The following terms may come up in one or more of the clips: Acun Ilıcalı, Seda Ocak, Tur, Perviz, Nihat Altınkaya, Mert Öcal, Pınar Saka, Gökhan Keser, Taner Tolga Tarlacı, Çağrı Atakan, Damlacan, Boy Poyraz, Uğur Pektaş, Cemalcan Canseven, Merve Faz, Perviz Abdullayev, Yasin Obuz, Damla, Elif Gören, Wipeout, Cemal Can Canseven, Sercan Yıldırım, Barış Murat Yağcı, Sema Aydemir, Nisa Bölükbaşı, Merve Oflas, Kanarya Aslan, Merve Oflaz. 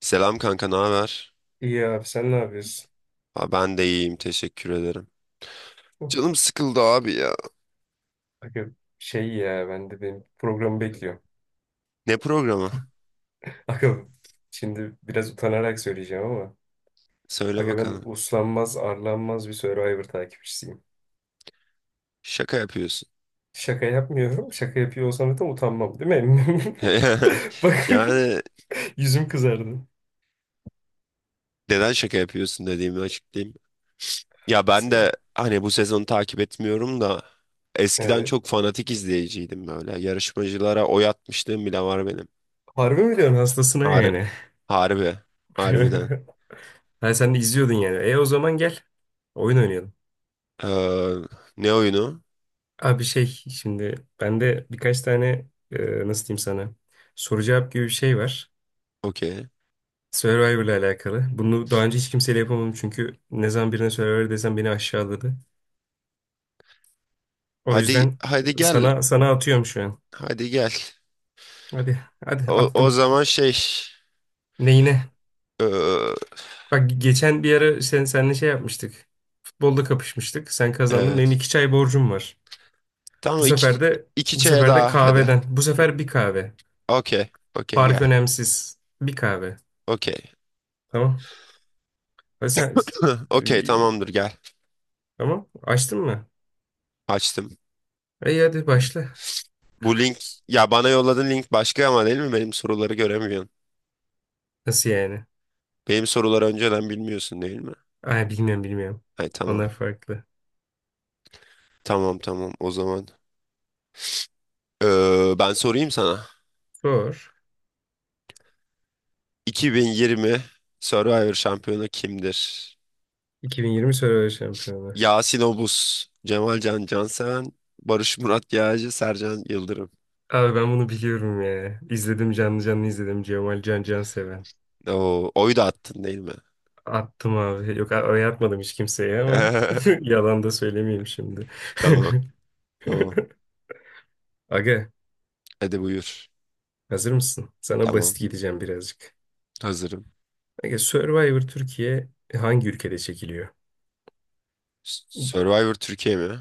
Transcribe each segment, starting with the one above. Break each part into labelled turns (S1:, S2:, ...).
S1: Selam kanka, ne haber?
S2: İyi abi sen ne yapıyorsun?
S1: Ha, ben de iyiyim, teşekkür ederim.
S2: Hı.
S1: Canım sıkıldı abi ya.
S2: Aga şey ya ben de benim programı bekliyorum.
S1: Ne programı?
S2: Aga şimdi biraz utanarak söyleyeceğim ama
S1: Söyle
S2: aga ben
S1: bakalım.
S2: uslanmaz arlanmaz bir Survivor takipçisiyim.
S1: Şaka yapıyorsun.
S2: Şaka yapmıyorum. Şaka yapıyor olsam zaten utanmam değil mi? Bak
S1: Yani
S2: yüzüm kızardı.
S1: neden şaka yapıyorsun dediğimi açıklayayım. Ya ben
S2: Söyle.
S1: de hani bu sezonu takip etmiyorum da eskiden
S2: Evet.
S1: çok fanatik izleyiciydim böyle. Yarışmacılara oy atmışlığım bile var benim.
S2: Harbi mi diyorsun hastasına
S1: Har
S2: yani?
S1: harbi, harbiden.
S2: Ha sen de izliyordun yani. E o zaman gel. Oyun oynayalım.
S1: Ee, Ne oyunu?
S2: Abi şey şimdi bende birkaç tane nasıl diyeyim sana soru cevap gibi bir şey var.
S1: Okey.
S2: Survivor'la alakalı. Bunu daha önce hiç kimseyle yapamadım çünkü ne zaman birine Survivor desem beni aşağıladı. O
S1: Hadi
S2: yüzden
S1: hadi gel.
S2: sana atıyorum şu an.
S1: Hadi gel.
S2: Hadi hadi
S1: O
S2: attım.
S1: zaman şey.
S2: Neyine?
S1: Ee,
S2: Bak geçen bir ara seninle şey yapmıştık. Futbolda kapışmıştık. Sen kazandın. Benim
S1: evet.
S2: iki çay borcum var. Bu
S1: Tamam, iki,
S2: sefer de
S1: iki
S2: bu
S1: çaya
S2: sefer de
S1: daha hadi.
S2: kahveden. Bu sefer bir kahve.
S1: Okey. Okey
S2: Fark
S1: gel.
S2: önemsiz. Bir kahve.
S1: Okey.
S2: Tamam. Ha, sen
S1: Okey
S2: e,
S1: tamamdır gel.
S2: tamam açtın mı?
S1: Açtım.
S2: İyi hadi başla.
S1: Bu link, ya bana yolladığın link başka ama değil mi? Benim soruları göremiyorsun.
S2: Nasıl yani?
S1: Benim soruları önceden bilmiyorsun değil mi?
S2: Ay bilmiyorum bilmiyorum.
S1: Hay tamam.
S2: Onlar farklı.
S1: Tamam tamam o zaman. Ben sorayım sana.
S2: Sor.
S1: 2020 Survivor şampiyonu kimdir?
S2: 2020 Survivor Şampiyonu.
S1: Yasin Obuz, Cemalcan Canseven, Barış Murat Yağcı, Sercan Yıldırım.
S2: Abi ben bunu biliyorum ya. İzledim canlı canlı izledim. Cemal Can Canseven.
S1: Oo, oy da attın değil mi?
S2: Attım abi. Yok oy atmadım hiç kimseye ama yalan da söylemeyeyim şimdi.
S1: Tamam, tamam.
S2: Aga
S1: Hadi buyur.
S2: hazır mısın? Sana basit
S1: Tamam,
S2: gideceğim birazcık.
S1: hazırım.
S2: Aga Survivor Türkiye hangi ülkede çekiliyor?
S1: Survivor Türkiye mi?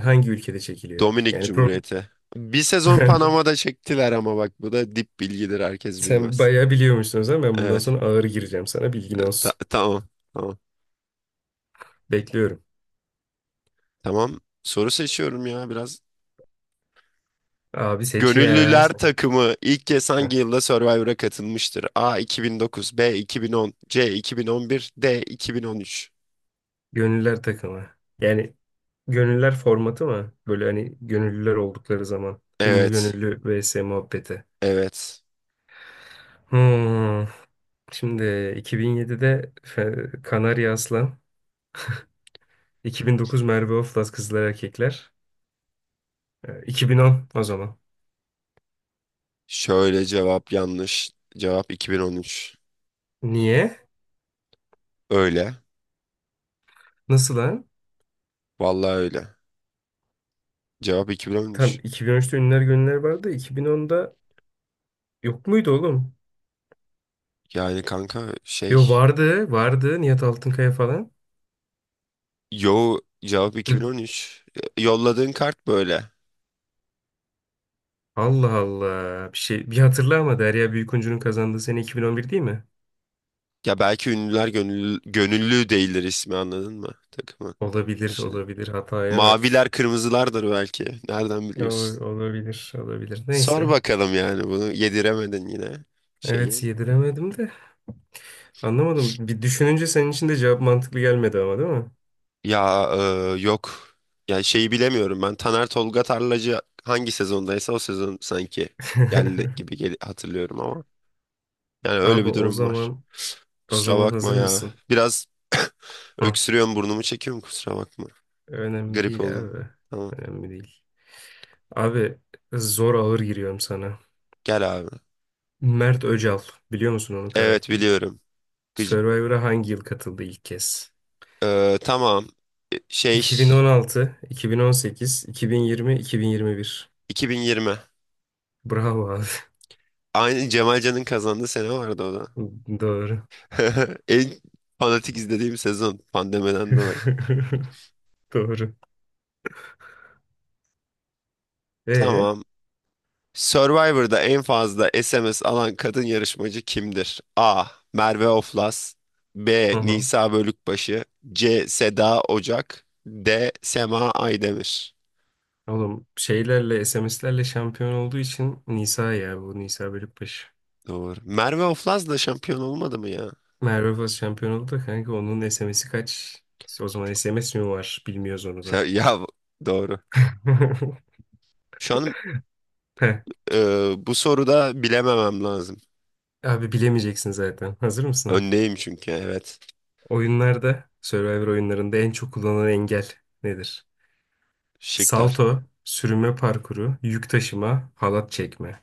S2: Hangi ülkede çekiliyor?
S1: Dominik
S2: Yani.
S1: Cumhuriyeti. Bir sezon Panama'da çektiler ama bak bu da dip bilgidir, herkes
S2: Sen
S1: bilmez.
S2: bayağı biliyormuşsun o zaman ben bundan
S1: Evet,
S2: sonra ağır gireceğim sana bilgin olsun.
S1: tamam, tamam.
S2: Bekliyorum.
S1: Tamam, soru seçiyorum ya biraz.
S2: Abi seç ya
S1: Gönüllüler
S2: sen.
S1: takımı ilk kez
S2: Heh.
S1: hangi yılda Survivor'a katılmıştır? A 2009, B 2010, C 2011, D 2013.
S2: Gönüller takımı. Yani gönüller formatı mı? Böyle hani gönüllüler oldukları zaman. Ünlü
S1: Evet,
S2: gönüllü vs muhabbeti.
S1: evet.
S2: Hmm. Şimdi 2007'de Kanarya Aslan. 2009 Merve Oflaz Kızlar Erkekler. E, 2010 o zaman.
S1: Şöyle, cevap yanlış. Cevap 2013.
S2: Niye?
S1: Öyle.
S2: Nasıl lan?
S1: Vallahi öyle. Cevap
S2: Tam
S1: 2013.
S2: 2013'te Ünlüler Gönüller vardı. 2010'da yok muydu oğlum?
S1: Yani kanka,
S2: Yo vardı, vardı Nihat Altınkaya falan.
S1: yo, cevap
S2: E,
S1: 2013. Yolladığın kart böyle.
S2: Allah Allah. Bir şey bir hatırla ama Derya Büyükuncu'nun kazandığı sene 2011 değil mi?
S1: Ya belki ünlüler gönüllü değildir ismi, anladın mı? Takımı.
S2: Olabilir,
S1: Şimdi.
S2: olabilir. Hataya bak.
S1: Maviler kırmızılardır belki. Nereden
S2: Ol-
S1: biliyorsun?
S2: Olabilir, olabilir.
S1: Sor
S2: Neyse.
S1: bakalım, yani bunu yediremedin yine
S2: Evet
S1: şeyi.
S2: yediremedim de anlamadım. Bir düşününce senin için de cevap mantıklı gelmedi ama değil mi?
S1: Ya, yok. Ya şeyi bilemiyorum ben. Taner Tolga Tarlacı hangi sezondaysa o sezon sanki geldi gibi gel hatırlıyorum ama. Yani öyle
S2: Abi
S1: bir
S2: o
S1: durum var.
S2: zaman o
S1: Kusura
S2: zaman
S1: bakma
S2: hazır
S1: ya.
S2: mısın?
S1: Biraz
S2: Hı.
S1: öksürüyorum, burnumu çekiyorum, kusura bakma.
S2: Önemli
S1: Grip
S2: değil
S1: oldum.
S2: abi.
S1: Tamam.
S2: Önemli değil. Abi zor ağır giriyorum sana.
S1: Gel abi.
S2: Mert Öcal biliyor musun onun
S1: Evet
S2: karakter?
S1: biliyorum. Gıcık.
S2: Survivor'a hangi yıl katıldı ilk kez?
S1: Tamam. E, Şey
S2: 2016, 2018, 2020, 2021.
S1: 2020.
S2: Bravo abi.
S1: Aynı Cemalcan'ın kazandığı sene vardı o da.
S2: Doğru.
S1: En fanatik izlediğim sezon, pandemiden dolayı.
S2: Doğru. E,
S1: Tamam. Survivor'da en fazla SMS alan kadın yarışmacı kimdir? A. Merve Oflas, B.
S2: aha.
S1: Nisa Bölükbaşı, C. Seda Ocak, D. Sema Aydemir.
S2: Oğlum şeylerle SMS'lerle şampiyon olduğu için Nisa ya bu Nisa Bölükbaşı.
S1: Doğru. Merve Oflaz da şampiyon olmadı mı ya?
S2: Merve Faz şampiyon oldu da kanka onun SMS'i kaç? O zaman SMS mi var? Bilmiyoruz onu da.
S1: Ya, ya, doğru. Şu an
S2: Heh.
S1: bu soruda bilememem lazım.
S2: Abi bilemeyeceksin zaten. Hazır mısın?
S1: Öndeyim, çünkü evet.
S2: Oyunlarda, Survivor oyunlarında en çok kullanılan engel nedir?
S1: Şıklar.
S2: Salto, sürünme parkuru, yük taşıma, halat çekme.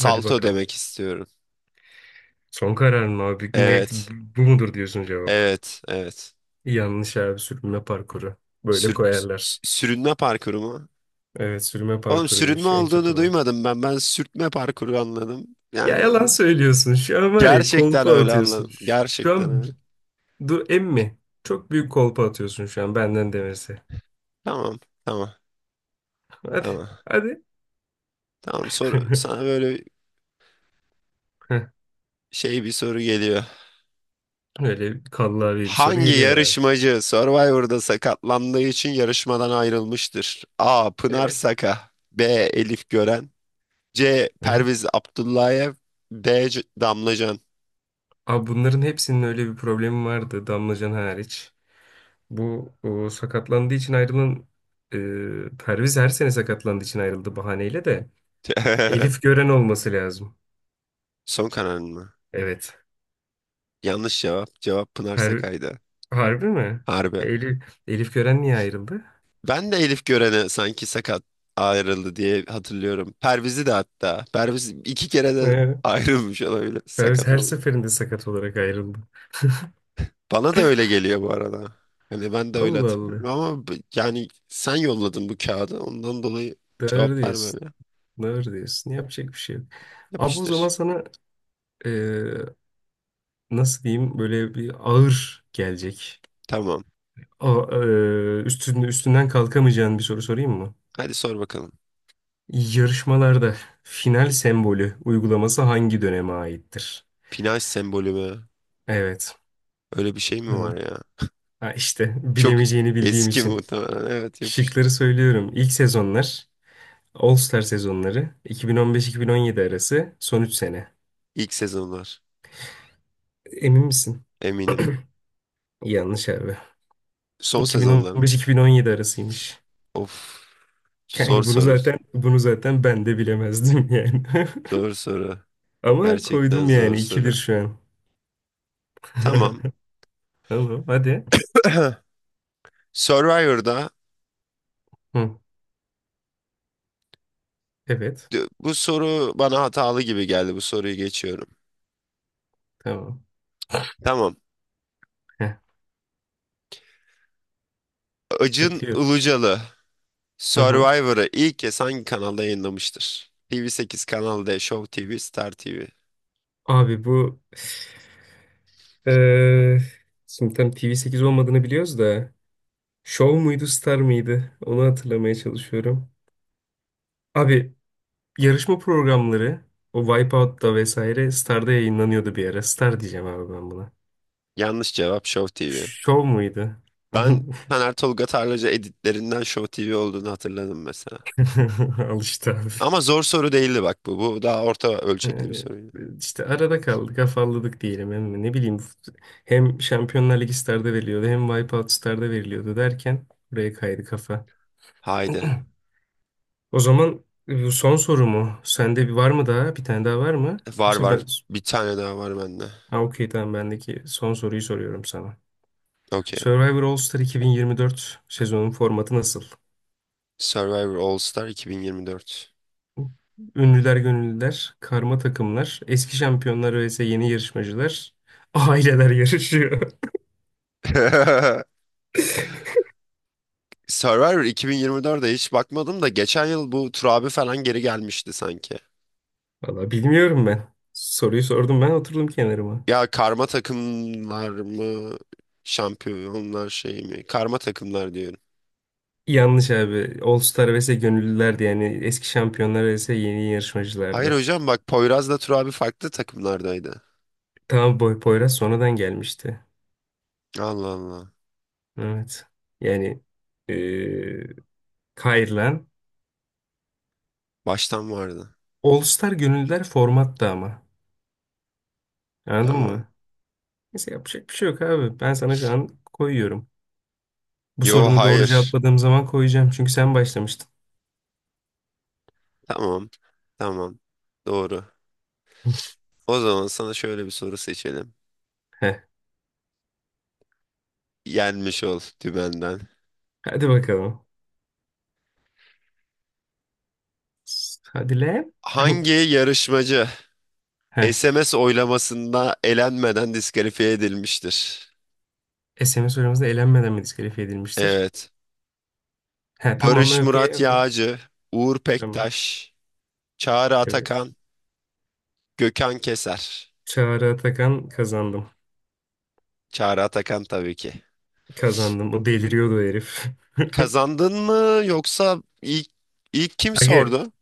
S2: Hadi bakalım.
S1: demek istiyorum.
S2: Son kararın mı abi? Net
S1: Evet.
S2: bu mudur diyorsun cevap.
S1: Evet. Evet.
S2: Yanlış abi sürünme parkuru. Böyle
S1: Sür-
S2: koyarlar.
S1: Sürünme parkuru mu?
S2: Evet sürünme
S1: Oğlum, sürünme
S2: parkuruymuş en çok
S1: olduğunu
S2: olan.
S1: duymadım ben. Ben sürtme parkuru anladım.
S2: Ya
S1: Yani
S2: yalan söylüyorsun. Şu an var ya
S1: gerçekten
S2: kolpa
S1: öyle
S2: atıyorsun.
S1: anladım.
S2: Şu
S1: Gerçekten
S2: an
S1: öyle.
S2: dur emmi. Çok büyük kolpa atıyorsun şu an benden demesi.
S1: Tamam, tamam,
S2: Hadi.
S1: tamam.
S2: Hadi.
S1: Tamam, soru sana böyle bir soru geliyor.
S2: Öyle kallavi bir soru
S1: Hangi
S2: geliyor herhalde.
S1: yarışmacı Survivor'da sakatlandığı için yarışmadan ayrılmıştır? A. Pınar
S2: Evet.
S1: Saka, B. Elif Gören, C. Perviz Abdullayev, D. Damla.
S2: Abi bunların hepsinin öyle bir problemi vardı Damlacan hariç. Bu o, sakatlandığı için ayrılan Perviz her sene sakatlandığı için ayrıldı bahaneyle de. Elif Gören olması lazım.
S1: Son kararın mı?
S2: Evet.
S1: Yanlış cevap. Cevap Pınar
S2: Per,
S1: Saka'ydı.
S2: harbi mi?
S1: Harbi.
S2: Elif Gören niye ayrıldı?
S1: Ben de Elif Gören'e sanki sakat ayrıldı diye hatırlıyorum. Perviz'i de hatta. Perviz iki kere de
S2: Ee,
S1: ayrılmış olabilir.
S2: Perviz
S1: Sakat
S2: her
S1: oldu.
S2: seferinde sakat olarak ayrıldı.
S1: Bana da öyle geliyor bu arada. Hani ben de öyle
S2: Allah
S1: hatırlıyorum
S2: Allah.
S1: ama yani sen yolladın bu kağıdı. Ondan dolayı
S2: Doğru
S1: cevaplar
S2: diyorsun.
S1: böyle.
S2: Doğru diyorsun. Yapacak bir şey yok. Abi o zaman
S1: Yapıştır.
S2: sana e, nasıl diyeyim böyle bir ağır gelecek.
S1: Tamam.
S2: Üstünden kalkamayacağın bir soru sorayım mı?
S1: Hadi sor bakalım.
S2: Yarışmalarda final sembolü uygulaması hangi döneme aittir?
S1: Pinaj sembolü mü?
S2: Evet.
S1: Öyle bir şey mi
S2: Hı.
S1: var ya?
S2: Ha işte
S1: Çok
S2: bilemeyeceğini bildiğim
S1: eski
S2: için.
S1: muhtemelen. Evet, yapıştır.
S2: Şıkları söylüyorum. İlk sezonlar, All Star sezonları, 2015-2017 arası son 3 sene.
S1: İlk sezonlar.
S2: Emin misin?
S1: Eminim.
S2: Yanlış abi.
S1: Son sezonlar mı?
S2: 2015-2017 arasıymış.
S1: Of. Zor
S2: Kanka bunu
S1: soru.
S2: zaten bunu zaten ben de bilemezdim yani.
S1: Zor soru.
S2: Ama
S1: Gerçekten
S2: koydum
S1: zor
S2: yani 2-1
S1: soru.
S2: şu an.
S1: Tamam.
S2: Tamam hadi.
S1: Survivor'da
S2: Hı. Evet.
S1: Bu soru bana hatalı gibi geldi. Bu soruyu geçiyorum.
S2: Tamam.
S1: Tamam.
S2: Heh,
S1: Acun
S2: bekliyorum.
S1: Ilıcalı
S2: Hı hı.
S1: Survivor'ı ilk kez hangi kanalda yayınlamıştır? TV8, Kanal D, Show TV, Star TV.
S2: Abi bu eee şimdi tam TV8 olmadığını biliyoruz da Show muydu Star mıydı? Onu hatırlamaya çalışıyorum. Abi yarışma programları o Wipeout'ta vesaire Star'da yayınlanıyordu bir ara. Star diyeceğim abi ben buna.
S1: Yanlış cevap, Show TV.
S2: Show muydu?
S1: Ben Taner Tolga Tarlacı editlerinden Show TV olduğunu hatırladım mesela.
S2: Al işte abi.
S1: Ama zor soru değildi bak bu. Bu daha orta ölçekli bir
S2: Ee,
S1: soruydu.
S2: işte arada kaldık, afalladık diyelim. Hem ne bileyim hem Şampiyonlar Ligi Star'da veriliyordu hem Wipeout Star'da veriliyordu derken buraya kaydı kafa.
S1: Haydi.
S2: O zaman son sorumu, sende bir var mı daha? Bir tane daha var mı?
S1: Var
S2: Yoksa ben...
S1: var. Bir tane daha var bende.
S2: Ha okey tamam bendeki son soruyu soruyorum sana.
S1: Okey.
S2: Survivor All-Star 2024 sezonun formatı nasıl?
S1: Survivor All Star 2024.
S2: Ünlüler gönüllüler, karma takımlar, eski şampiyonlar vs yeni yarışmacılar, aileler yarışıyor.
S1: Survivor 2024'e hiç bakmadım da geçen yıl bu Tur abi falan geri gelmişti sanki.
S2: Valla bilmiyorum ben. Soruyu sordum ben oturdum kenarıma.
S1: Ya karma takımlar mı? Şampiyonlar şey mi? Karma takımlar diyorum.
S2: Yanlış abi. All Star vs gönüllülerdi yani eski şampiyonlar vs yeni
S1: Hayır
S2: yarışmacılardı.
S1: hocam, bak Poyraz'la Tur abi farklı takımlardaydı.
S2: Tamam Poyraz sonradan gelmişti.
S1: Allah Allah.
S2: Evet. Yani eee kayırılan
S1: Baştan vardı.
S2: All Star gönüllüler formatta ama. Anladın
S1: Tamam.
S2: mı? Neyse yapacak bir şey yok abi. Ben sana şu an koyuyorum. Bu
S1: Yo,
S2: sorunu doğru
S1: hayır.
S2: cevapladığım zaman koyacağım. Çünkü sen başlamıştın.
S1: Tamam. Tamam. Doğru. O zaman sana şöyle bir soru seçelim.
S2: Heh.
S1: Yenmiş ol dümenden.
S2: Hadi bakalım. Hadi lan.
S1: Hangi yarışmacı
S2: Heh.
S1: SMS oylamasında elenmeden diskalifiye edilmiştir?
S2: SMS oylamasında elenmeden mi diskalifiye edilmiştir?
S1: Evet.
S2: He tamam
S1: Barış
S2: okey
S1: Murat
S2: okey.
S1: Yağcı, Uğur
S2: Tamam.
S1: Pektaş, Çağrı
S2: Evet.
S1: Atakan, Gökhan Keser.
S2: Çağrı Atakan kazandım.
S1: Çağrı Atakan tabii ki.
S2: Kazandım. O deliriyordu herif.
S1: Kazandın mı, yoksa ilk kim
S2: Aga
S1: sordu?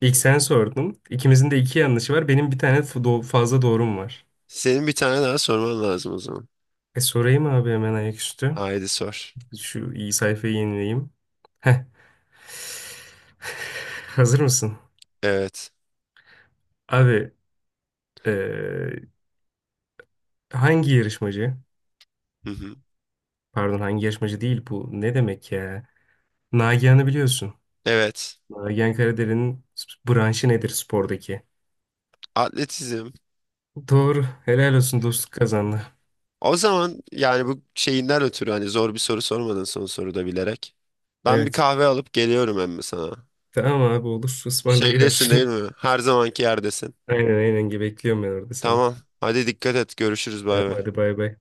S2: ilk sen sordun. İkimizin de iki yanlışı var. Benim bir tane fazla doğrum var.
S1: Senin bir tane daha sorman lazım o zaman.
S2: E sorayım abi hemen ayaküstü.
S1: Haydi sor.
S2: Şu iyi sayfayı yenileyim. Heh. Hazır mısın?
S1: Evet.
S2: Abi eee, hangi yarışmacı?
S1: Hı hı.
S2: Pardon hangi yarışmacı değil bu. Ne demek ya? Nagihan'ı biliyorsun.
S1: Evet.
S2: Nagihan Karadere'nin branşı nedir spordaki?
S1: Atletizm.
S2: Doğru. Helal olsun dostluk kazandı.
S1: O zaman yani bu şeyinden ötürü hani zor bir soru sormadın son soruda, bilerek. Ben bir
S2: Evet.
S1: kahve alıp geliyorum emmi sana.
S2: Tamam abi olur.
S1: Şeydesin
S2: Ismarlayıver.
S1: değil mi? Her zamanki yerdesin.
S2: Aynen aynen. Bekliyorum ben orada seni.
S1: Tamam. Hadi dikkat et. Görüşürüz. Bay
S2: Tamam
S1: bay.
S2: hadi bay bay.